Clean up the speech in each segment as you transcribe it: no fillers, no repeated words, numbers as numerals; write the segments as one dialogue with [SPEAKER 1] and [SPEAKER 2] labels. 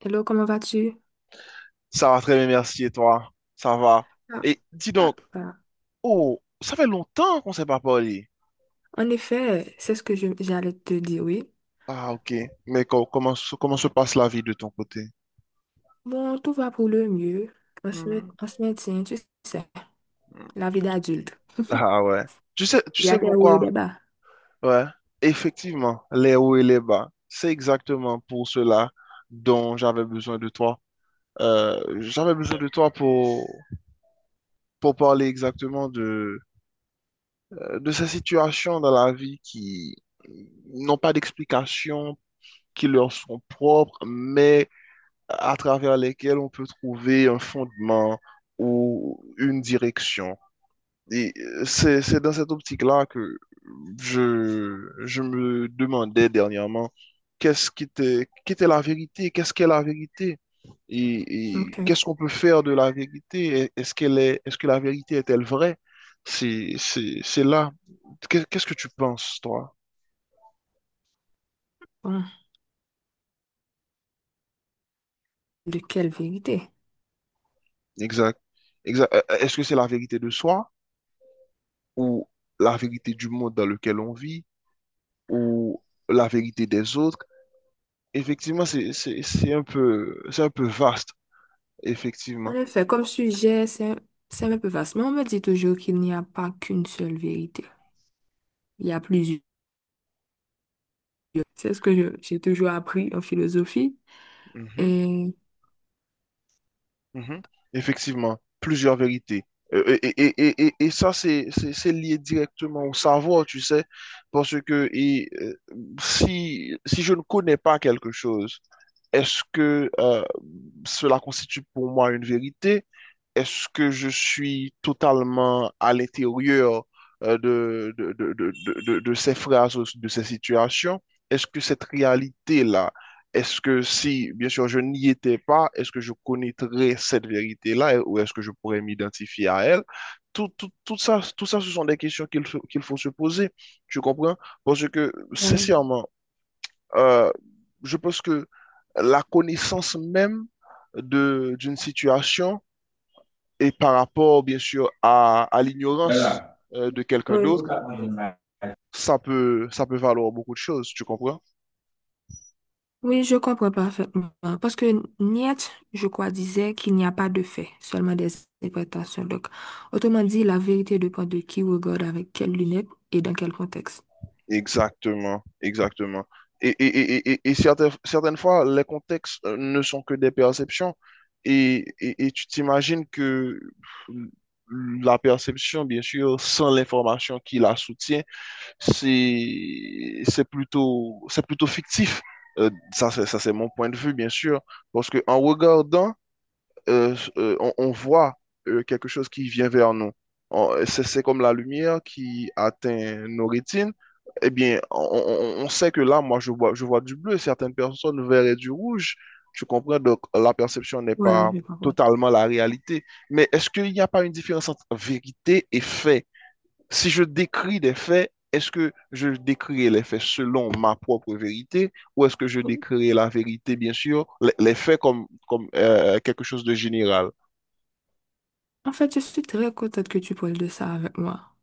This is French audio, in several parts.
[SPEAKER 1] Hello, comment vas-tu?
[SPEAKER 2] Ça va très bien, merci. Et toi? Ça va.
[SPEAKER 1] Ah.
[SPEAKER 2] Et dis
[SPEAKER 1] Ah,
[SPEAKER 2] donc,
[SPEAKER 1] ah.
[SPEAKER 2] oh, ça fait longtemps qu'on ne s'est pas parlé.
[SPEAKER 1] En effet, c'est ce que j'allais te dire, oui.
[SPEAKER 2] Ah, ok. Mais comment se passe la vie de ton côté?
[SPEAKER 1] Bon, tout va pour le mieux.
[SPEAKER 2] Hmm.
[SPEAKER 1] On se maintient, tu sais, la vie d'adulte.
[SPEAKER 2] Ah ouais. Tu sais, tu
[SPEAKER 1] Il y a
[SPEAKER 2] sais
[SPEAKER 1] des hauts et
[SPEAKER 2] pourquoi?
[SPEAKER 1] des bas.
[SPEAKER 2] Ouais. Effectivement, les hauts et les bas. C'est exactement pour cela dont j'avais besoin de toi. J'avais besoin de toi pour parler exactement de ces situations dans la vie qui n'ont pas d'explication, qui leur sont propres, mais à travers lesquels on peut trouver un fondement ou une direction. Et c'est dans cette optique-là que je, je me demandais dernièrement qu'est-ce qui était, qu'était la vérité, qu'est-ce qu'est la vérité et
[SPEAKER 1] OK.
[SPEAKER 2] qu'est-ce qu'on peut faire de la vérité? Est-ce qu'elle est, est-ce que la vérité est-elle vraie? C'est là. Qu'est-ce que tu penses, toi?
[SPEAKER 1] Bon, de quelle vérité?
[SPEAKER 2] Exact. Exact. Est-ce que c'est la vérité de soi? Ou la vérité du monde dans lequel on vit, ou la vérité des autres. Effectivement, c'est un peu vaste,
[SPEAKER 1] En
[SPEAKER 2] effectivement.
[SPEAKER 1] effet, comme sujet, c'est un peu vaste, mais on me dit toujours qu'il n'y a pas qu'une seule vérité. Il y a plusieurs. C'est ce que j'ai toujours appris en philosophie.
[SPEAKER 2] Mhm,
[SPEAKER 1] Et,
[SPEAKER 2] mhm. Effectivement, plusieurs vérités. Et ça, c'est lié directement au savoir, tu sais, parce que si je ne connais pas quelque chose, est-ce que cela constitue pour moi une vérité? Est-ce que je suis totalement à l'intérieur euh, de, de, de, de, de ces phrases, de ces situations? Est-ce que cette réalité-là, est-ce que si, bien sûr, je n'y étais pas, est-ce que je connaîtrais cette vérité-là ou est-ce que je pourrais m'identifier à elle? Tout ça, ce sont des questions qu'il faut se poser. Tu comprends? Parce que,
[SPEAKER 1] bon,
[SPEAKER 2] sincèrement, euh, je pense que la connaissance même d'une situation et par rapport, bien sûr, à
[SPEAKER 1] là,
[SPEAKER 2] l'ignorance
[SPEAKER 1] là.
[SPEAKER 2] de quelqu'un
[SPEAKER 1] Oui.
[SPEAKER 2] d'autre, ça peut valoir beaucoup de choses, tu comprends?
[SPEAKER 1] Oui, je comprends parfaitement. Parce que Nietzsche, je crois, disait qu'il n'y a pas de fait, seulement des interprétations. Donc, autrement dit, la vérité dépend de qui regarde avec quelles lunettes et dans quel contexte.
[SPEAKER 2] Exactement, exactement. Et, et, et certaines fois, les contextes ne sont que des perceptions. Et tu t'imagines que la perception, bien sûr, sans l'information qui la soutient, c'est plutôt fictif. Ça, c'est mon point de vue, bien sûr. Parce que en regardant, on voit quelque chose qui vient vers nous. C'est comme la lumière qui atteint nos rétines. Eh bien, on sait que là, moi, je vois du bleu. Certaines personnes verraient du rouge. Je comprends, donc la perception n'est
[SPEAKER 1] Voilà,
[SPEAKER 2] pas
[SPEAKER 1] je comprends.
[SPEAKER 2] totalement la réalité. Mais est-ce qu'il n'y a pas une différence entre vérité et fait? Si je décris des faits, est-ce que je décrirai les faits selon ma propre vérité ou est-ce que je décrirai la vérité, bien sûr, les faits comme quelque chose de général?
[SPEAKER 1] En fait, je suis très contente que tu parles de ça avec moi.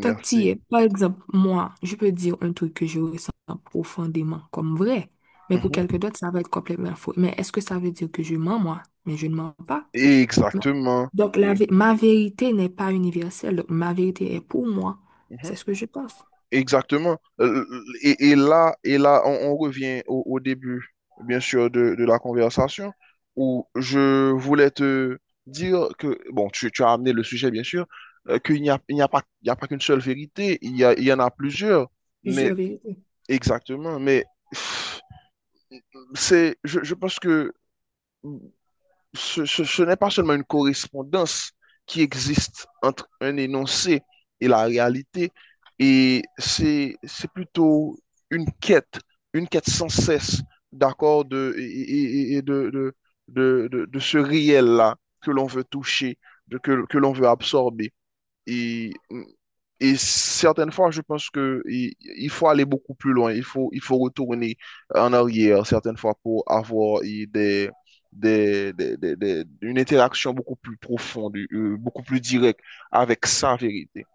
[SPEAKER 1] Tant que tu y es, par exemple, moi, je peux dire un truc que je ressens profondément comme vrai, mais pour quelqu'un
[SPEAKER 2] Mhm.
[SPEAKER 1] d'autre, ça va être complètement faux. Mais est-ce que ça veut dire que je mens, moi? Mais je ne mens pas. Non.
[SPEAKER 2] Exactement.
[SPEAKER 1] Donc,
[SPEAKER 2] Et-
[SPEAKER 1] ma vérité n'est pas universelle. Donc, ma vérité est pour moi.
[SPEAKER 2] mhm.
[SPEAKER 1] C'est ce que je pense.
[SPEAKER 2] Exactement. Et là, on revient au début, bien sûr, de la conversation, où je voulais te dire que, bon, tu as amené le sujet, bien sûr, qu'il n'y a, il n'y a pas, il n'y a pas qu'une seule vérité, il y en a plusieurs,
[SPEAKER 1] Plusieurs
[SPEAKER 2] mais
[SPEAKER 1] vérités.
[SPEAKER 2] exactement, mais pff, je pense que ce n'est pas seulement une correspondance qui existe entre un énoncé et la réalité, et c'est plutôt une quête, une quête sans cesse, d'accord, de, et- de, de ce réel-là que l'on veut toucher, que l'on veut absorber. Et et certaines fois, je pense que il faut aller beaucoup plus loin. Il faut retourner en arrière certaines fois pour avoir une interaction beaucoup plus profonde, beaucoup plus directe avec sa vérité.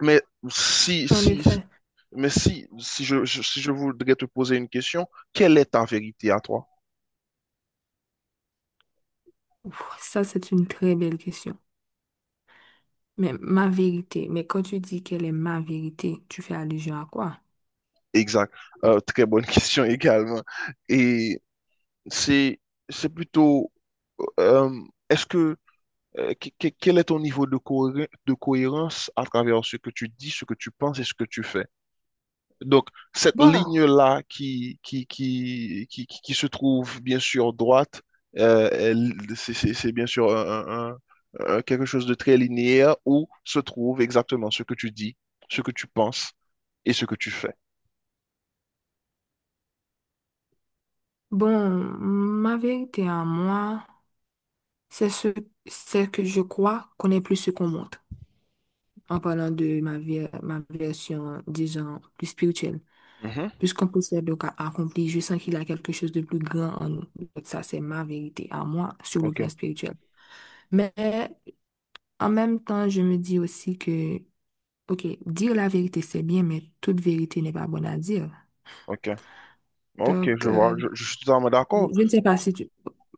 [SPEAKER 2] Mais si,
[SPEAKER 1] En
[SPEAKER 2] si,
[SPEAKER 1] effet,
[SPEAKER 2] si je voudrais te poser une question, quelle est ta vérité à toi?
[SPEAKER 1] ouf, ça, c'est une très belle question. Mais ma vérité, mais quand tu dis quelle est ma vérité, tu fais allusion à quoi?
[SPEAKER 2] Exact. Très bonne question également. Et c'est c'est plutôt euh, est-ce que quel est ton niveau de cohérence à travers ce que tu dis, ce que tu penses et ce que tu fais? Donc, cette
[SPEAKER 1] Bon,
[SPEAKER 2] ligne-là qui se trouve bien sûr droite, c'est bien sûr quelque chose de très linéaire où se trouve exactement ce que tu dis, ce que tu penses et ce que tu fais.
[SPEAKER 1] bon, ma vérité à moi, c'est ce, c'est que je crois qu'on est plus ce qu'on montre. En parlant de ma vie, ma version, disons, plus spirituelle.
[SPEAKER 2] Mhm.
[SPEAKER 1] Puisqu'on possède donc à accomplir, je sens qu'il a quelque chose de plus grand en nous. Donc ça, c'est ma vérité à moi sur le
[SPEAKER 2] Ok,
[SPEAKER 1] plan spirituel. Mais en même temps, je me dis aussi que, OK, dire la vérité, c'est bien, mais toute vérité n'est pas bonne à dire.
[SPEAKER 2] ok, ok,
[SPEAKER 1] Donc,
[SPEAKER 2] je vois, je suis totalement d'accord.
[SPEAKER 1] je ne sais pas si tu...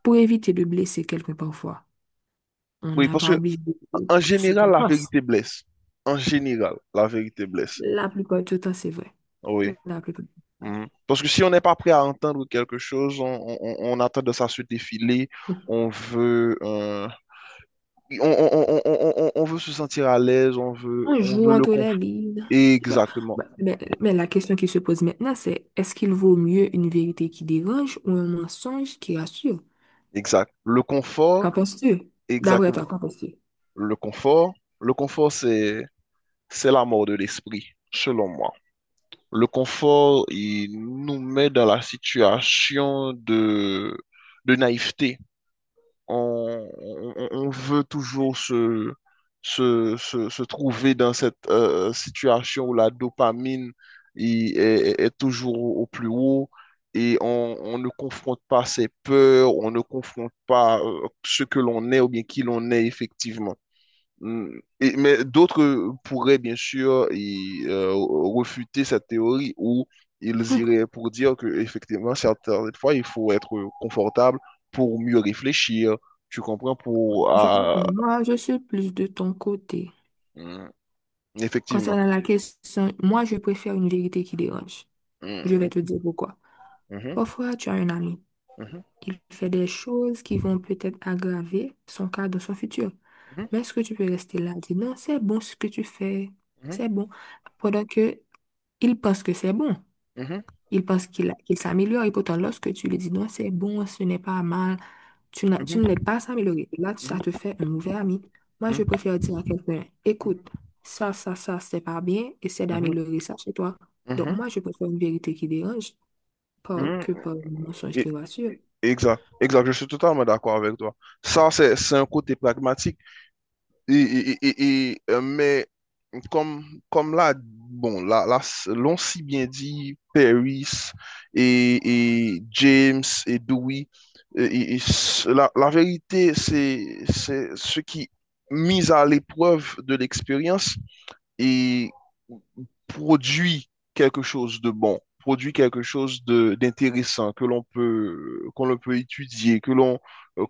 [SPEAKER 1] Pour éviter de blesser quelqu'un parfois, on
[SPEAKER 2] Oui,
[SPEAKER 1] n'est
[SPEAKER 2] parce
[SPEAKER 1] pas
[SPEAKER 2] que
[SPEAKER 1] obligé de dire
[SPEAKER 2] en
[SPEAKER 1] ce qu'on
[SPEAKER 2] général, la
[SPEAKER 1] pense.
[SPEAKER 2] vérité blesse. En général, la vérité blesse.
[SPEAKER 1] La plupart du temps, c'est vrai.
[SPEAKER 2] Oui.
[SPEAKER 1] La plupart.
[SPEAKER 2] Mhm. Parce que si on n'est pas prêt à entendre quelque chose, on a tendance à se défiler, on veut, euh, on veut se sentir à l'aise,
[SPEAKER 1] Un
[SPEAKER 2] on
[SPEAKER 1] jour,
[SPEAKER 2] veut
[SPEAKER 1] on
[SPEAKER 2] le confort.
[SPEAKER 1] tolérer. Bah,
[SPEAKER 2] Exactement,
[SPEAKER 1] bah, mais la question qui se pose maintenant, c'est est-ce qu'il vaut mieux une vérité qui dérange ou un mensonge qui rassure?
[SPEAKER 2] exact. Le confort,
[SPEAKER 1] Qu'en penses-tu? D'après
[SPEAKER 2] exactement.
[SPEAKER 1] toi, qu'en penses-tu?
[SPEAKER 2] Le confort, le confort, c'est la mort de l'esprit, selon moi. Le confort, il nous met dans la situation de naïveté. On veut toujours se trouver dans cette situation où la dopamine il est, est toujours au plus haut et on ne confronte pas ses peurs, on ne confronte pas ce que l'on est ou bien qui l'on est effectivement. Mm. Mais d'autres pourraient bien sûr refuter cette théorie ou ils
[SPEAKER 1] Hum.
[SPEAKER 2] iraient pour dire que effectivement certaines fois il faut être confortable pour mieux réfléchir, tu comprends,
[SPEAKER 1] Je comprends. Moi, je suis plus de ton côté.
[SPEAKER 2] mm, effectivement.
[SPEAKER 1] Concernant la question, moi, je préfère une vérité qui dérange. Je vais te
[SPEAKER 2] Mm,
[SPEAKER 1] dire pourquoi.
[SPEAKER 2] mhm,
[SPEAKER 1] Parfois, tu as un ami.
[SPEAKER 2] mhm,
[SPEAKER 1] Il fait des choses qui vont peut-être aggraver son cas dans son futur.
[SPEAKER 2] mhm,
[SPEAKER 1] Mais est-ce que tu peux rester là et dire non, c'est bon ce que tu fais? C'est bon. Pendant que il pense que c'est bon.
[SPEAKER 2] mhm,
[SPEAKER 1] Il pense qu'il s'améliore. Et pourtant, lorsque tu lui dis non, c'est bon, ce n'est pas mal, tu ne l'aides pas à s'améliorer. Là, ça
[SPEAKER 2] mhm,
[SPEAKER 1] te fait un mauvais ami. Moi,
[SPEAKER 2] mhm,
[SPEAKER 1] je préfère dire à quelqu'un, écoute,
[SPEAKER 2] mhm,
[SPEAKER 1] ça, c'est pas bien. Essaie
[SPEAKER 2] mhm,
[SPEAKER 1] d'améliorer ça chez toi. Donc,
[SPEAKER 2] mhm,
[SPEAKER 1] moi, je préfère une vérité qui dérange
[SPEAKER 2] mhm,
[SPEAKER 1] pas
[SPEAKER 2] mhm.
[SPEAKER 1] que par un mensonge
[SPEAKER 2] Et-
[SPEAKER 1] qui rassure.
[SPEAKER 2] Exact, exact, je suis totalement d'accord avec toi. Ça, c'est un côté pragmatique. Mais comme, comme là, bon, l'on si bien dit, Paris et, et James et Dewey, la vérité, c'est ce qui, mis à l'épreuve de l'expérience, et produit quelque chose de bon, produit quelque chose de d'intéressant qu'on le peut étudier,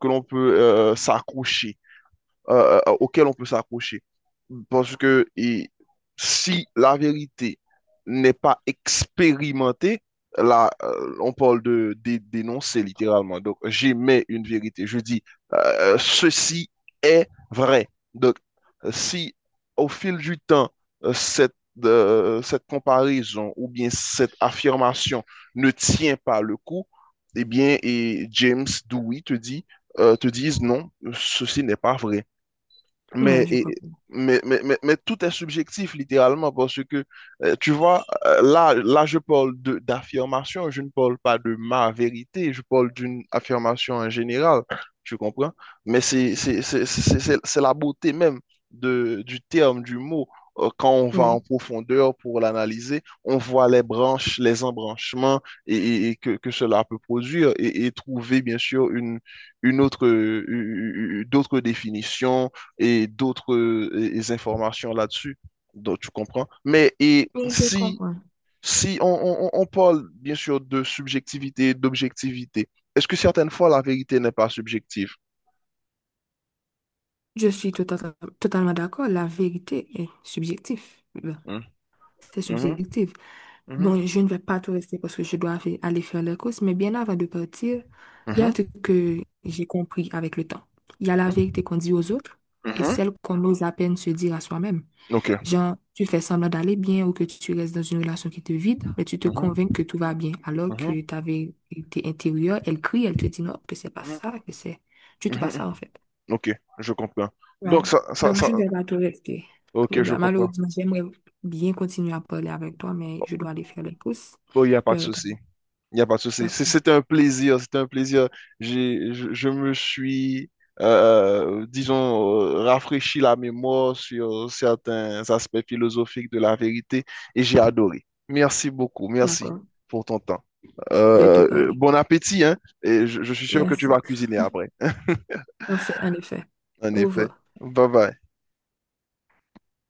[SPEAKER 2] que l'on peut s'accrocher auquel on peut s'accrocher. Parce que si la vérité n'est pas expérimentée, là, on parle dénoncer littéralement. Donc, j'émets une vérité. Je dis, ceci est vrai. Donc, si au fil du temps, euh, cette, cette comparaison ou bien cette affirmation ne tient pas le coup, eh bien, et James Dewey te disent non, ceci n'est pas vrai.
[SPEAKER 1] Ouais,
[SPEAKER 2] Mais,
[SPEAKER 1] je
[SPEAKER 2] et-
[SPEAKER 1] comprends.
[SPEAKER 2] mais tout est subjectif, littéralement, parce que, tu vois, là, je parle d'affirmation, je ne parle pas de ma vérité, je parle d'une affirmation en général, tu comprends? Mais c'est la beauté même du terme, du mot. Quand on va en
[SPEAKER 1] Ouais.
[SPEAKER 2] profondeur pour l'analyser, on voit les branches, les embranchements et que cela peut produire et trouver, bien sûr, une autre, d'autres définitions et d'autres informations là-dessus. Donc, tu comprends?
[SPEAKER 1] Je comprends.
[SPEAKER 2] Si on parle bien sûr de subjectivité et d'objectivité, est-ce que certaines fois la vérité n'est pas subjective?
[SPEAKER 1] Je suis tout à- Totalement d'accord. La vérité est subjective. Ben,
[SPEAKER 2] Hmm.
[SPEAKER 1] c'est
[SPEAKER 2] Mhm.
[SPEAKER 1] subjectif. Bon, je ne vais pas tout rester parce que je dois aller faire les courses, mais bien avant de partir, il y a un
[SPEAKER 2] Mhm.
[SPEAKER 1] truc que j'ai compris avec le temps. Il y a la vérité
[SPEAKER 2] Mhm.
[SPEAKER 1] qu'on dit aux autres et
[SPEAKER 2] Mhm.
[SPEAKER 1] celle qu'on ose à peine se dire à soi-même.
[SPEAKER 2] Ok.
[SPEAKER 1] Genre, tu fais semblant d'aller bien ou que tu restes dans une relation qui te vide, mais tu te
[SPEAKER 2] Mhm.
[SPEAKER 1] convaincs que tout va bien, alors
[SPEAKER 2] Mhm.
[SPEAKER 1] que ta vérité intérieure, elle crie, elle te dit non, que c'est pas
[SPEAKER 2] Mhm.
[SPEAKER 1] ça, que c'est du tout pas
[SPEAKER 2] Mhm.
[SPEAKER 1] ça en fait.
[SPEAKER 2] Ok, je comprends.
[SPEAKER 1] Ouais.
[SPEAKER 2] Donc, ça, ça,
[SPEAKER 1] Donc,
[SPEAKER 2] ça,
[SPEAKER 1] je ne vais pas te rester. Je
[SPEAKER 2] ok, je
[SPEAKER 1] dois,
[SPEAKER 2] comprends.
[SPEAKER 1] malheureusement, j'aimerais bien continuer à parler avec toi, mais je dois aller faire les courses.
[SPEAKER 2] Bon, il n'y a pas de
[SPEAKER 1] Le retard.
[SPEAKER 2] souci. Il n'y a pas de souci. C'est
[SPEAKER 1] D'accord.
[SPEAKER 2] c'est un plaisir, c'est un plaisir. Je me suis, disons, rafraîchi la mémoire sur certains aspects philosophiques de la vérité et j'ai adoré. Merci beaucoup, merci
[SPEAKER 1] D'accord.
[SPEAKER 2] pour ton temps.
[SPEAKER 1] De te parler.
[SPEAKER 2] Bon appétit, hein, et je suis sûr que tu vas
[SPEAKER 1] Merci.
[SPEAKER 2] cuisiner après.
[SPEAKER 1] En Enfin, en effet.
[SPEAKER 2] En
[SPEAKER 1] Au
[SPEAKER 2] effet.
[SPEAKER 1] revoir.
[SPEAKER 2] Bye bye.